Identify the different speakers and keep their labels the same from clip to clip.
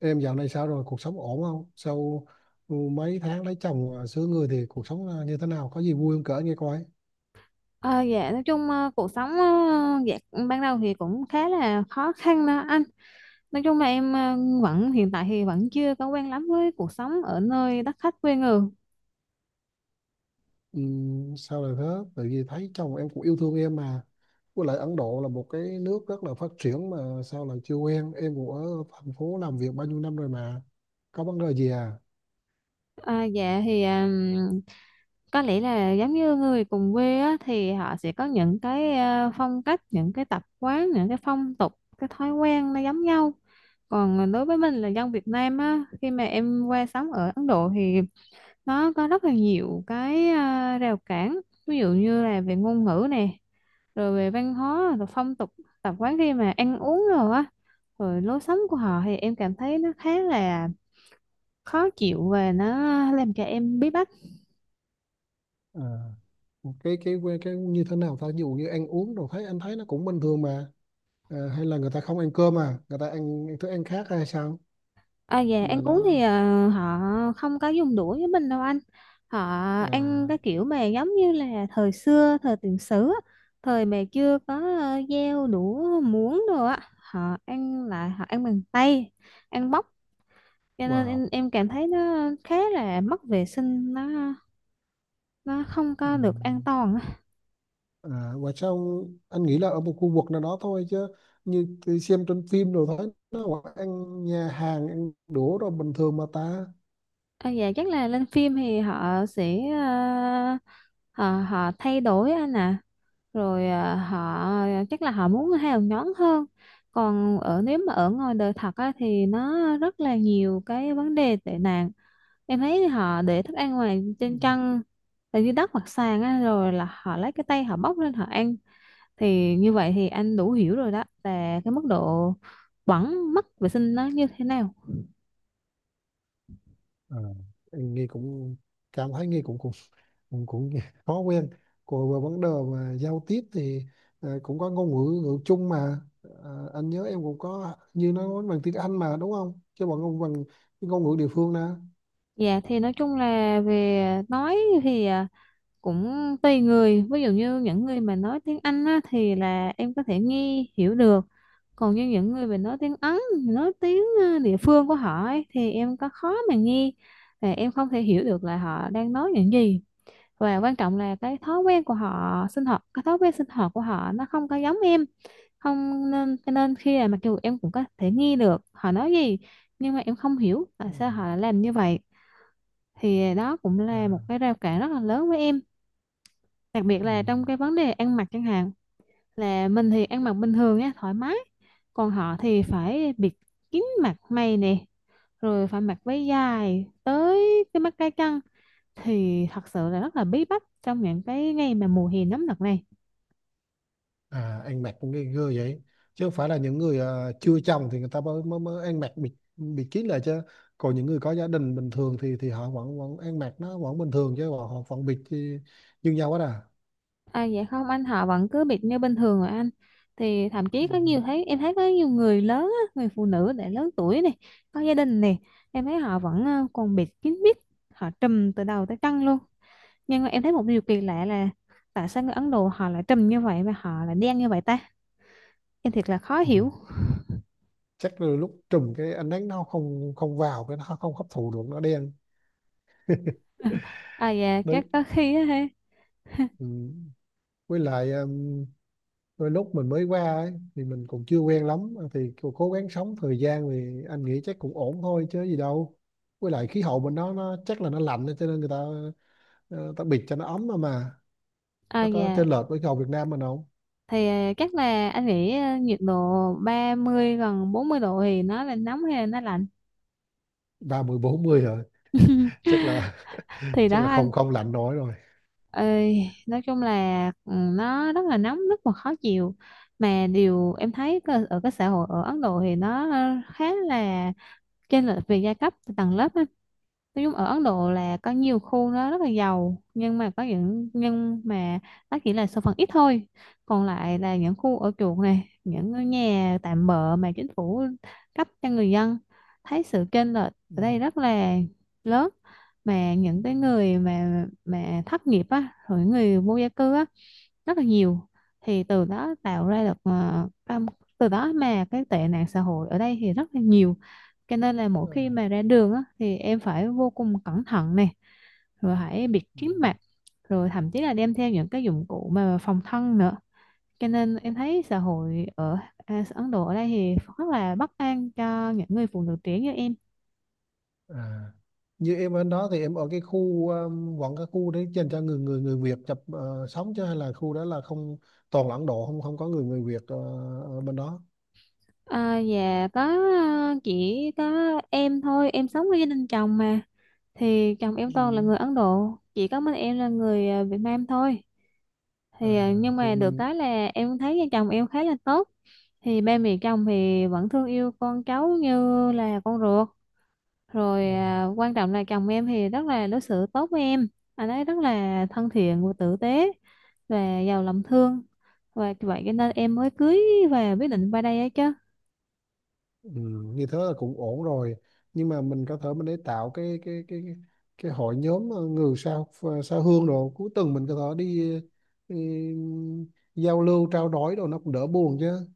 Speaker 1: Em dạo này sao rồi? Cuộc sống ổn không? Sau mấy tháng lấy chồng à, sướng người thì cuộc sống như thế nào? Có gì vui không kể nghe coi.
Speaker 2: Ờ, dạ nói chung, cuộc sống, dạ ban đầu thì cũng khá là khó khăn đó anh. Nói chung là em vẫn hiện tại thì vẫn chưa có quen lắm với cuộc sống ở nơi đất khách quê người.
Speaker 1: Sao lại thế? Tại vì thấy chồng em cũng yêu thương em mà. Với lại Ấn Độ là một cái nước rất là phát triển mà sao lại chưa quen. Em cũng ở thành phố làm việc bao nhiêu năm rồi mà. Có vấn đề gì à?
Speaker 2: À, dạ thì có lẽ là giống như người cùng quê á, thì họ sẽ có những cái phong cách, những cái tập quán, những cái phong tục, cái thói quen nó giống nhau. Còn đối với mình là dân Việt Nam á, khi mà em qua sống ở Ấn Độ thì nó có rất là nhiều cái à, rào cản. Ví dụ như là về ngôn ngữ nè, rồi về văn hóa rồi phong tục tập quán, khi mà ăn uống rồi á, rồi lối sống của họ thì em cảm thấy nó khá là khó chịu và nó làm cho em bí bách.
Speaker 1: À, cái như thế nào ta? Ví dụ như ăn uống rồi anh thấy nó cũng bình thường mà. À, hay là người ta không ăn cơm à? Người ta ăn thức ăn khác hay sao?
Speaker 2: À, về ăn
Speaker 1: Mà
Speaker 2: uống thì
Speaker 1: nó
Speaker 2: à, họ không có dùng đũa với mình đâu anh, họ ăn cái
Speaker 1: à?
Speaker 2: kiểu mà giống như là thời xưa thời tiền sử á, thời mà chưa có dao đũa muỗng đồ á, họ ăn lại, họ ăn bằng tay, ăn bóc. Cho nên
Speaker 1: Wow.
Speaker 2: em cảm thấy nó khá là mất vệ sinh, nó không
Speaker 1: Ừ.
Speaker 2: có được an toàn á.
Speaker 1: À, và sao anh nghĩ là ở một khu vực nào đó thôi chứ như tôi xem trên phim rồi thấy nó gọi ăn nhà hàng ăn đũa rồi bình thường mà ta
Speaker 2: À, dạ chắc là lên phim thì họ sẽ ờ, họ họ thay đổi anh ạ. Rồi họ chắc là họ muốn hào nhoáng hơn. Còn ở, nếu mà ở ngoài đời thật á, thì nó rất là nhiều cái vấn đề tệ nạn. Em thấy họ để thức ăn ngoài
Speaker 1: ừ.
Speaker 2: trên chân, là dưới đất hoặc sàn á, rồi là họ lấy cái tay họ bóc lên họ ăn, thì như vậy thì anh đủ hiểu rồi đó, là cái mức độ bẩn mất vệ sinh nó như thế nào.
Speaker 1: À, anh nghe cũng cảm thấy nghe cũng khó quen. Còn về vấn đề mà giao tiếp thì cũng có ngôn ngữ ngữ chung mà. À, anh nhớ em cũng có như nó nói bằng tiếng Anh mà đúng không chứ bằng cái ngôn ngữ địa phương nè.
Speaker 2: Dạ thì nói chung là về nói thì à, cũng tùy người. Ví dụ như những người mà nói tiếng Anh á, thì là em có thể nghe hiểu được. Còn như những người mà nói tiếng Ấn, nói tiếng à, địa phương của họ ấy, thì em có khó mà nghe và em không thể hiểu được là họ đang nói những gì. Và quan trọng là cái thói quen của họ sinh hoạt, cái thói quen sinh hoạt của họ nó không có giống em, không nên cho nên khi là mặc dù em cũng có thể nghe được họ nói gì nhưng mà em không hiểu
Speaker 1: Ừ.
Speaker 2: tại sao họ lại làm như vậy. Thì đó cũng là một
Speaker 1: À,
Speaker 2: cái rào cản rất là lớn với em, đặc biệt
Speaker 1: ừ.
Speaker 2: là trong cái vấn đề ăn mặc chẳng hạn. Là mình thì ăn mặc bình thường á, thoải mái, còn họ thì phải bịt kín mặt mày nè, rồi phải mặc váy dài tới cái mắt cá chân. Thì thật sự là rất là bí bách trong những cái ngày mà mùa hè nóng nực này.
Speaker 1: À, anh mặc những cái người vậy chứ không phải là những người chưa chồng thì người ta mới mới, mới ăn mặc bịt bịt kín lại chứ. Còn những người có gia đình bình thường thì họ vẫn vẫn ăn mặc nó vẫn bình thường chứ họ vẫn bịt thì như nhau hết à.
Speaker 2: À dạ không anh, họ vẫn cứ bịt như bình thường rồi anh. Thì thậm chí
Speaker 1: Ừ.
Speaker 2: có nhiều, thấy em thấy có nhiều người lớn á, người phụ nữ đã lớn tuổi này, có gia đình này, em thấy họ vẫn còn bịt kín mít, họ trùm từ đầu tới chân luôn. Nhưng mà em thấy một điều kỳ lạ là tại sao người Ấn Độ họ lại trùm như vậy mà họ lại đen như vậy ta? Em thiệt là khó
Speaker 1: Ừ.
Speaker 2: hiểu.
Speaker 1: Chắc là lúc trùm cái ánh nắng nó không không vào cái nó không hấp thụ được nó đen.
Speaker 2: À dạ
Speaker 1: Đấy.
Speaker 2: chắc có khi á ha.
Speaker 1: Ừ. Với lại đôi lúc mình mới qua ấy, thì mình còn chưa quen lắm thì cố cố gắng sống thời gian thì anh nghĩ chắc cũng ổn thôi chứ gì đâu. Với lại khí hậu bên đó nó chắc là nó lạnh cho nên người ta ờ, ta bịt cho nó ấm mà
Speaker 2: À
Speaker 1: nó có
Speaker 2: dạ
Speaker 1: chênh lệch với khí hậu Việt Nam mình không?
Speaker 2: thì à, chắc là anh nghĩ à, nhiệt độ 30 gần 40 độ thì nó là nóng hay là nó lạnh?
Speaker 1: Ba mười bốn mươi rồi? chắc là
Speaker 2: Thì
Speaker 1: chắc
Speaker 2: đó
Speaker 1: là
Speaker 2: anh
Speaker 1: không không lạnh nổi rồi.
Speaker 2: ơi, nói chung là ừ, nó rất là nóng, rất là khó chịu. Mà điều em thấy ở cái xã hội ở Ấn Độ thì nó khá là chênh lệch về giai cấp tầng lớp á. Nói chung ở Ấn Độ là có nhiều khu nó rất là giàu, nhưng mà có những, nhưng mà nó chỉ là số phận ít thôi, còn lại là những khu ở chuột này, những ngôi nhà tạm bợ mà chính phủ cấp cho người dân. Thấy sự chênh lệch
Speaker 1: Ừ.
Speaker 2: ở đây rất là lớn. Mà những cái người mà thất nghiệp á, rồi những người vô gia cư á, rất là nhiều. Thì từ đó tạo ra được từ đó mà cái tệ nạn xã hội ở đây thì rất là nhiều. Cho nên là mỗi
Speaker 1: Ừ.
Speaker 2: khi mà ra đường á, thì em phải vô cùng cẩn thận nè, rồi hãy bịt
Speaker 1: Ừ.
Speaker 2: kín mặt, rồi thậm chí là đem theo những cái dụng cụ mà phòng thân nữa. Cho nên em thấy xã hội ở à, Ấn Độ ở đây thì rất là bất an cho những người phụ nữ trẻ như em.
Speaker 1: À. Như em ở đó thì em ở cái khu vẫn cái khu đấy dành cho người người người Việt sống chứ hay là khu đó là không toàn là Ấn Độ không không có người người Việt ở bên đó?
Speaker 2: À, dạ có. Chỉ có em thôi, em sống với gia đình chồng mà, thì chồng em toàn là
Speaker 1: Ừ.
Speaker 2: người Ấn Độ, chỉ có mình em là người Việt Nam thôi.
Speaker 1: À,
Speaker 2: Thì nhưng
Speaker 1: thì
Speaker 2: mà được
Speaker 1: mình
Speaker 2: cái là em thấy vợ chồng em khá là tốt. Thì ba mẹ chồng thì vẫn thương yêu con cháu như là con ruột, rồi
Speaker 1: ờ,
Speaker 2: à, quan trọng là chồng em thì rất là đối xử tốt với em. Anh ấy rất là thân thiện và tử tế và giàu lòng thương, và vậy cho nên em mới cưới và quyết định qua đây ấy chứ.
Speaker 1: ừ, như thế là cũng ổn rồi. Nhưng mà mình có thể mình để tạo cái hội nhóm người sao sao hương rồi cuối tuần mình có thể đi, ừ, giao lưu trao đổi đồ nó cũng đỡ buồn chứ.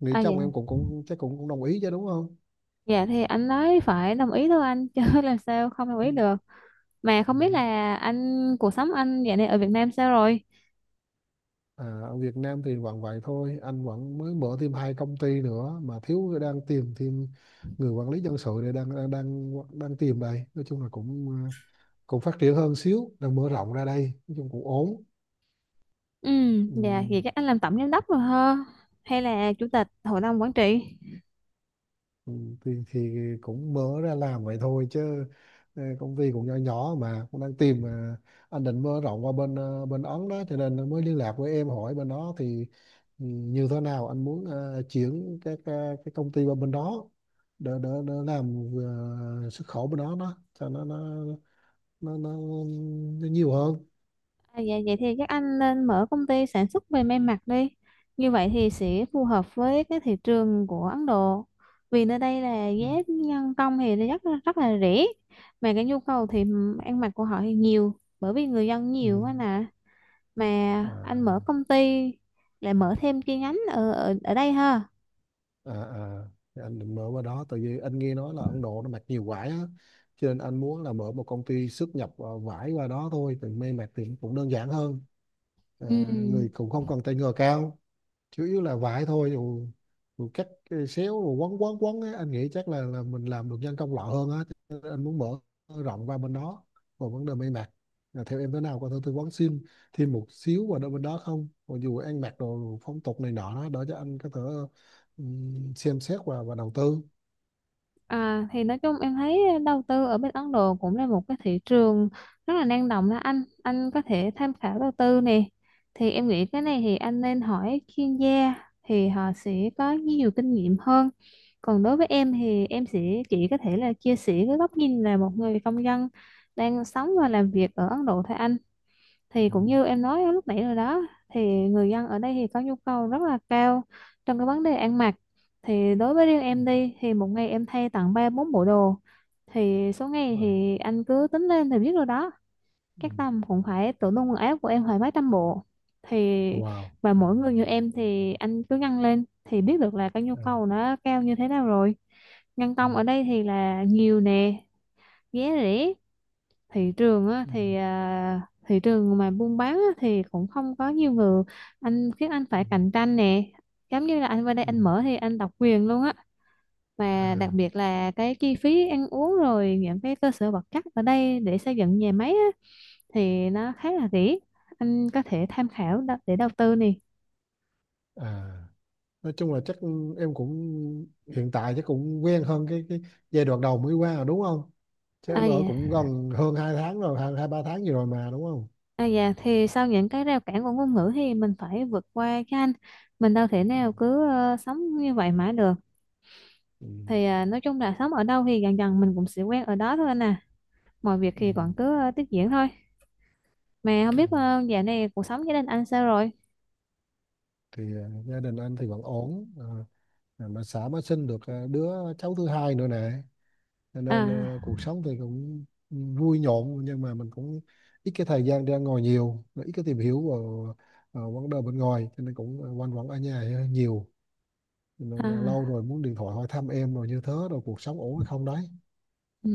Speaker 1: Nghĩ
Speaker 2: À dạ,
Speaker 1: chồng em cũng cũng chắc cũng đồng ý chứ đúng không?
Speaker 2: dạ thì anh ấy phải đồng ý thôi anh chứ làm sao không đồng
Speaker 1: Ừ.
Speaker 2: ý được. Mà
Speaker 1: Ừ.
Speaker 2: không biết là anh cuộc sống anh dạo này ở Việt Nam sao rồi?
Speaker 1: À, ở Việt Nam thì vẫn vậy thôi anh vẫn mới mở thêm hai công ty nữa mà thiếu đang tìm thêm người quản lý nhân sự để đang tìm đây. Nói chung là cũng phát triển hơn xíu đang mở rộng ra đây. Nói chung cũng ổn.
Speaker 2: Ừ, dạ
Speaker 1: Ừm,
Speaker 2: thì chắc anh làm tổng giám đốc rồi ha, hay là chủ tịch hội đồng quản trị?
Speaker 1: thì cũng mở ra làm vậy thôi chứ công ty cũng nhỏ nhỏ mà cũng đang tìm mà. Anh định mở rộng qua bên Ấn đó cho nên mới liên lạc với em hỏi bên đó thì như thế nào. Anh muốn chuyển cái công ty qua bên đó để làm xuất khẩu bên đó đó cho nó nó, nó nhiều hơn.
Speaker 2: À, dạ vậy thì các anh nên mở công ty sản xuất về may mặc đi, như vậy thì sẽ phù hợp với cái thị trường của Ấn Độ, vì nơi đây là giá
Speaker 1: Ừm,
Speaker 2: nhân công thì nó rất rất là rẻ, mà cái nhu cầu thì ăn mặc của họ thì nhiều, bởi vì người dân nhiều quá
Speaker 1: ừm.
Speaker 2: nè. Mà
Speaker 1: À.
Speaker 2: anh mở công ty, lại mở thêm chi nhánh ở ở, ở đây ha?
Speaker 1: À à. Thì anh định mở qua đó tại vì anh nghe nói là Ấn Độ nó mặc nhiều vải á cho nên anh muốn là mở một công ty xuất nhập vải qua đó thôi thì may mặc thì cũng đơn giản hơn. À, người
Speaker 2: Ừ.
Speaker 1: cũng không cần tay nghề cao, chủ yếu là vải thôi, dù cắt cái xéo rồi quấn quấn quấn ấy anh nghĩ chắc là mình làm được nhân công lọ hơn á. Cho nên anh muốn mở rộng qua bên đó. Còn vấn đề may mặc là theo em thế nào, có thể tư vấn xin thêm một xíu vào đôi bên đó không, còn dù ăn mặc đồ phong tục này nọ đó đỡ cho anh có thể xem xét và đầu tư.
Speaker 2: À, thì nói chung em thấy đầu tư ở bên Ấn Độ cũng là một cái thị trường rất là năng động đó anh có thể tham khảo đầu tư nè. Thì em nghĩ cái này thì anh nên hỏi chuyên gia, thì họ sẽ có nhiều kinh nghiệm hơn. Còn đối với em thì em sẽ chỉ có thể là chia sẻ cái góc nhìn là một người công dân đang sống và làm việc ở Ấn Độ thôi anh.
Speaker 1: Ừ,
Speaker 2: Thì cũng như em nói lúc nãy rồi đó, thì người dân ở đây thì có nhu cầu rất là cao trong cái vấn đề ăn mặc. Thì đối với riêng
Speaker 1: ừ,
Speaker 2: em đi thì một ngày em thay tận ba bốn bộ đồ, thì số ngày
Speaker 1: wow,
Speaker 2: thì anh cứ tính lên thì biết rồi đó.
Speaker 1: ừ,
Speaker 2: Các tầm cũng phải, tủ đông quần áo của em phải mấy trăm bộ. Thì
Speaker 1: wow,
Speaker 2: và mỗi người như em thì anh cứ ngăn lên thì biết được là cái nhu
Speaker 1: à,
Speaker 2: cầu nó cao như thế nào rồi. Nhân
Speaker 1: ừ,
Speaker 2: công ở đây thì là nhiều nè, giá rẻ. Thị trường á
Speaker 1: ừ,
Speaker 2: thì à, thị trường mà buôn bán á, thì cũng không có nhiều người, anh khiến anh
Speaker 1: ừ,
Speaker 2: phải cạnh tranh nè, giống như là anh qua đây
Speaker 1: ừ.
Speaker 2: anh mở thì anh độc quyền luôn á.
Speaker 1: À
Speaker 2: Và đặc biệt là cái chi phí ăn uống rồi những cái cơ sở vật chất ở đây để xây dựng nhà máy á, thì nó khá là rẻ, anh có thể tham khảo để đầu tư nè.
Speaker 1: à. Nói chung là chắc em cũng hiện tại chắc cũng quen hơn cái giai đoạn đầu mới qua rồi đúng không? Chứ
Speaker 2: À
Speaker 1: em ở cũng
Speaker 2: dạ,
Speaker 1: gần hơn 2 tháng rồi hai hai ba tháng gì rồi mà đúng không?
Speaker 2: à dạ thì sau những cái rào cản của ngôn ngữ thì mình phải vượt qua cho anh, mình đâu thể
Speaker 1: Ừ.
Speaker 2: nào cứ sống như vậy mãi được.
Speaker 1: Ừ.
Speaker 2: Thì à, nói chung là sống ở đâu thì dần dần mình cũng sẽ quen ở đó thôi anh à. Mọi việc
Speaker 1: Ừ.
Speaker 2: thì còn cứ tiếp diễn thôi. Mà không
Speaker 1: Ừ.
Speaker 2: biết dạo này cuộc sống gia đình anh sao rồi?
Speaker 1: Thì gia đình anh thì vẫn ổn, mà xã mới sinh được đứa cháu thứ hai nữa nè. Cho nên
Speaker 2: À,
Speaker 1: cuộc sống thì cũng vui nhộn nhưng mà mình cũng ít cái thời gian ra ngoài nhiều ít cái tìm hiểu vào vấn đề bên ngoài cho nên cũng quanh quẩn ở nhà nhiều. Nên là lâu
Speaker 2: à,
Speaker 1: rồi muốn điện thoại hỏi thăm em rồi như thế rồi cuộc sống ổn hay không đấy.
Speaker 2: ừ.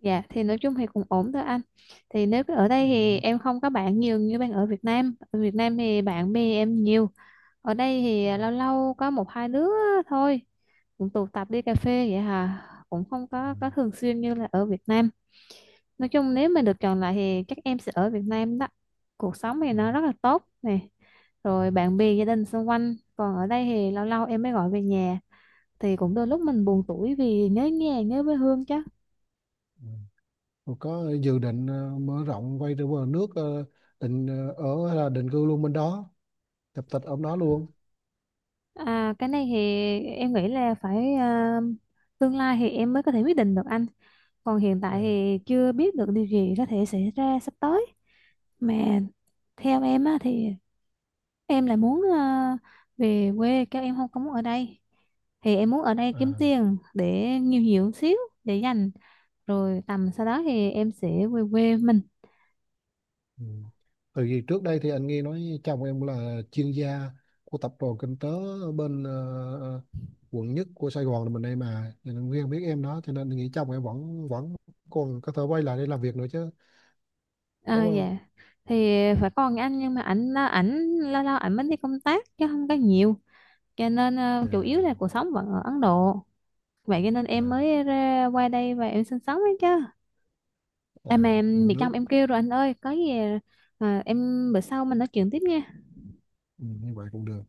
Speaker 2: Dạ thì nói chung thì cũng ổn thôi anh. Thì nếu cứ ở đây thì
Speaker 1: Ừ.
Speaker 2: em không có bạn nhiều như bạn ở Việt Nam, ở Việt Nam thì bạn bè em nhiều. Ở đây
Speaker 1: Ừ.
Speaker 2: thì lâu lâu có một hai đứa thôi, cũng tụ tập đi cà phê vậy hà, cũng không
Speaker 1: Ừ.
Speaker 2: có thường xuyên như là ở Việt Nam. Nói chung nếu mà được chọn lại thì chắc em sẽ ở Việt Nam đó, cuộc sống thì
Speaker 1: Ừ.
Speaker 2: nó rất là tốt nè, rồi bạn bè gia đình xung quanh. Còn ở đây thì lâu lâu em mới gọi về nhà, thì cũng đôi lúc mình buồn tủi vì nhớ nhà nhớ quê hương chứ.
Speaker 1: Ừ. Rồi có dự định mở rộng quay trở về nước định ở hay là định cư luôn bên đó tập tịch ở đó luôn?
Speaker 2: À, cái này thì em nghĩ là phải à, tương lai thì em mới có thể quyết định được anh. Còn hiện tại
Speaker 1: À,
Speaker 2: thì chưa biết được điều gì có thể xảy ra sắp tới. Mà theo em á, thì em lại muốn à, về quê, các em không có muốn ở đây. Thì em muốn ở đây kiếm
Speaker 1: à,
Speaker 2: tiền để nhiều nhiều xíu để dành. Rồi tầm sau đó thì em sẽ về quê mình.
Speaker 1: ừ. Từ vì trước đây thì anh nghe nói chồng em là chuyên gia của tập đoàn kinh tế ở bên ờ, quận nhất của Sài Gòn là mình đây mà cho nên Nguyên biết em đó cho nên nghĩ chồng em vẫn vẫn còn có thể quay lại đây làm việc nữa chứ đúng
Speaker 2: À,
Speaker 1: không?
Speaker 2: dạ. Thì phải còn anh, nhưng mà ảnh ảnh lâu lâu ảnh mới đi công tác chứ không có nhiều, cho nên chủ yếu là
Speaker 1: À.
Speaker 2: cuộc sống vẫn ở Ấn Độ. Vậy cho nên
Speaker 1: À
Speaker 2: em mới ra qua đây và em sinh sống đấy chứ.
Speaker 1: à.
Speaker 2: Em mà em
Speaker 1: Uống
Speaker 2: bị chồng
Speaker 1: nước.
Speaker 2: em kêu rồi anh ơi, có gì em bữa sau mình nói chuyện tiếp nha.
Speaker 1: Ừ, như vậy cũng được.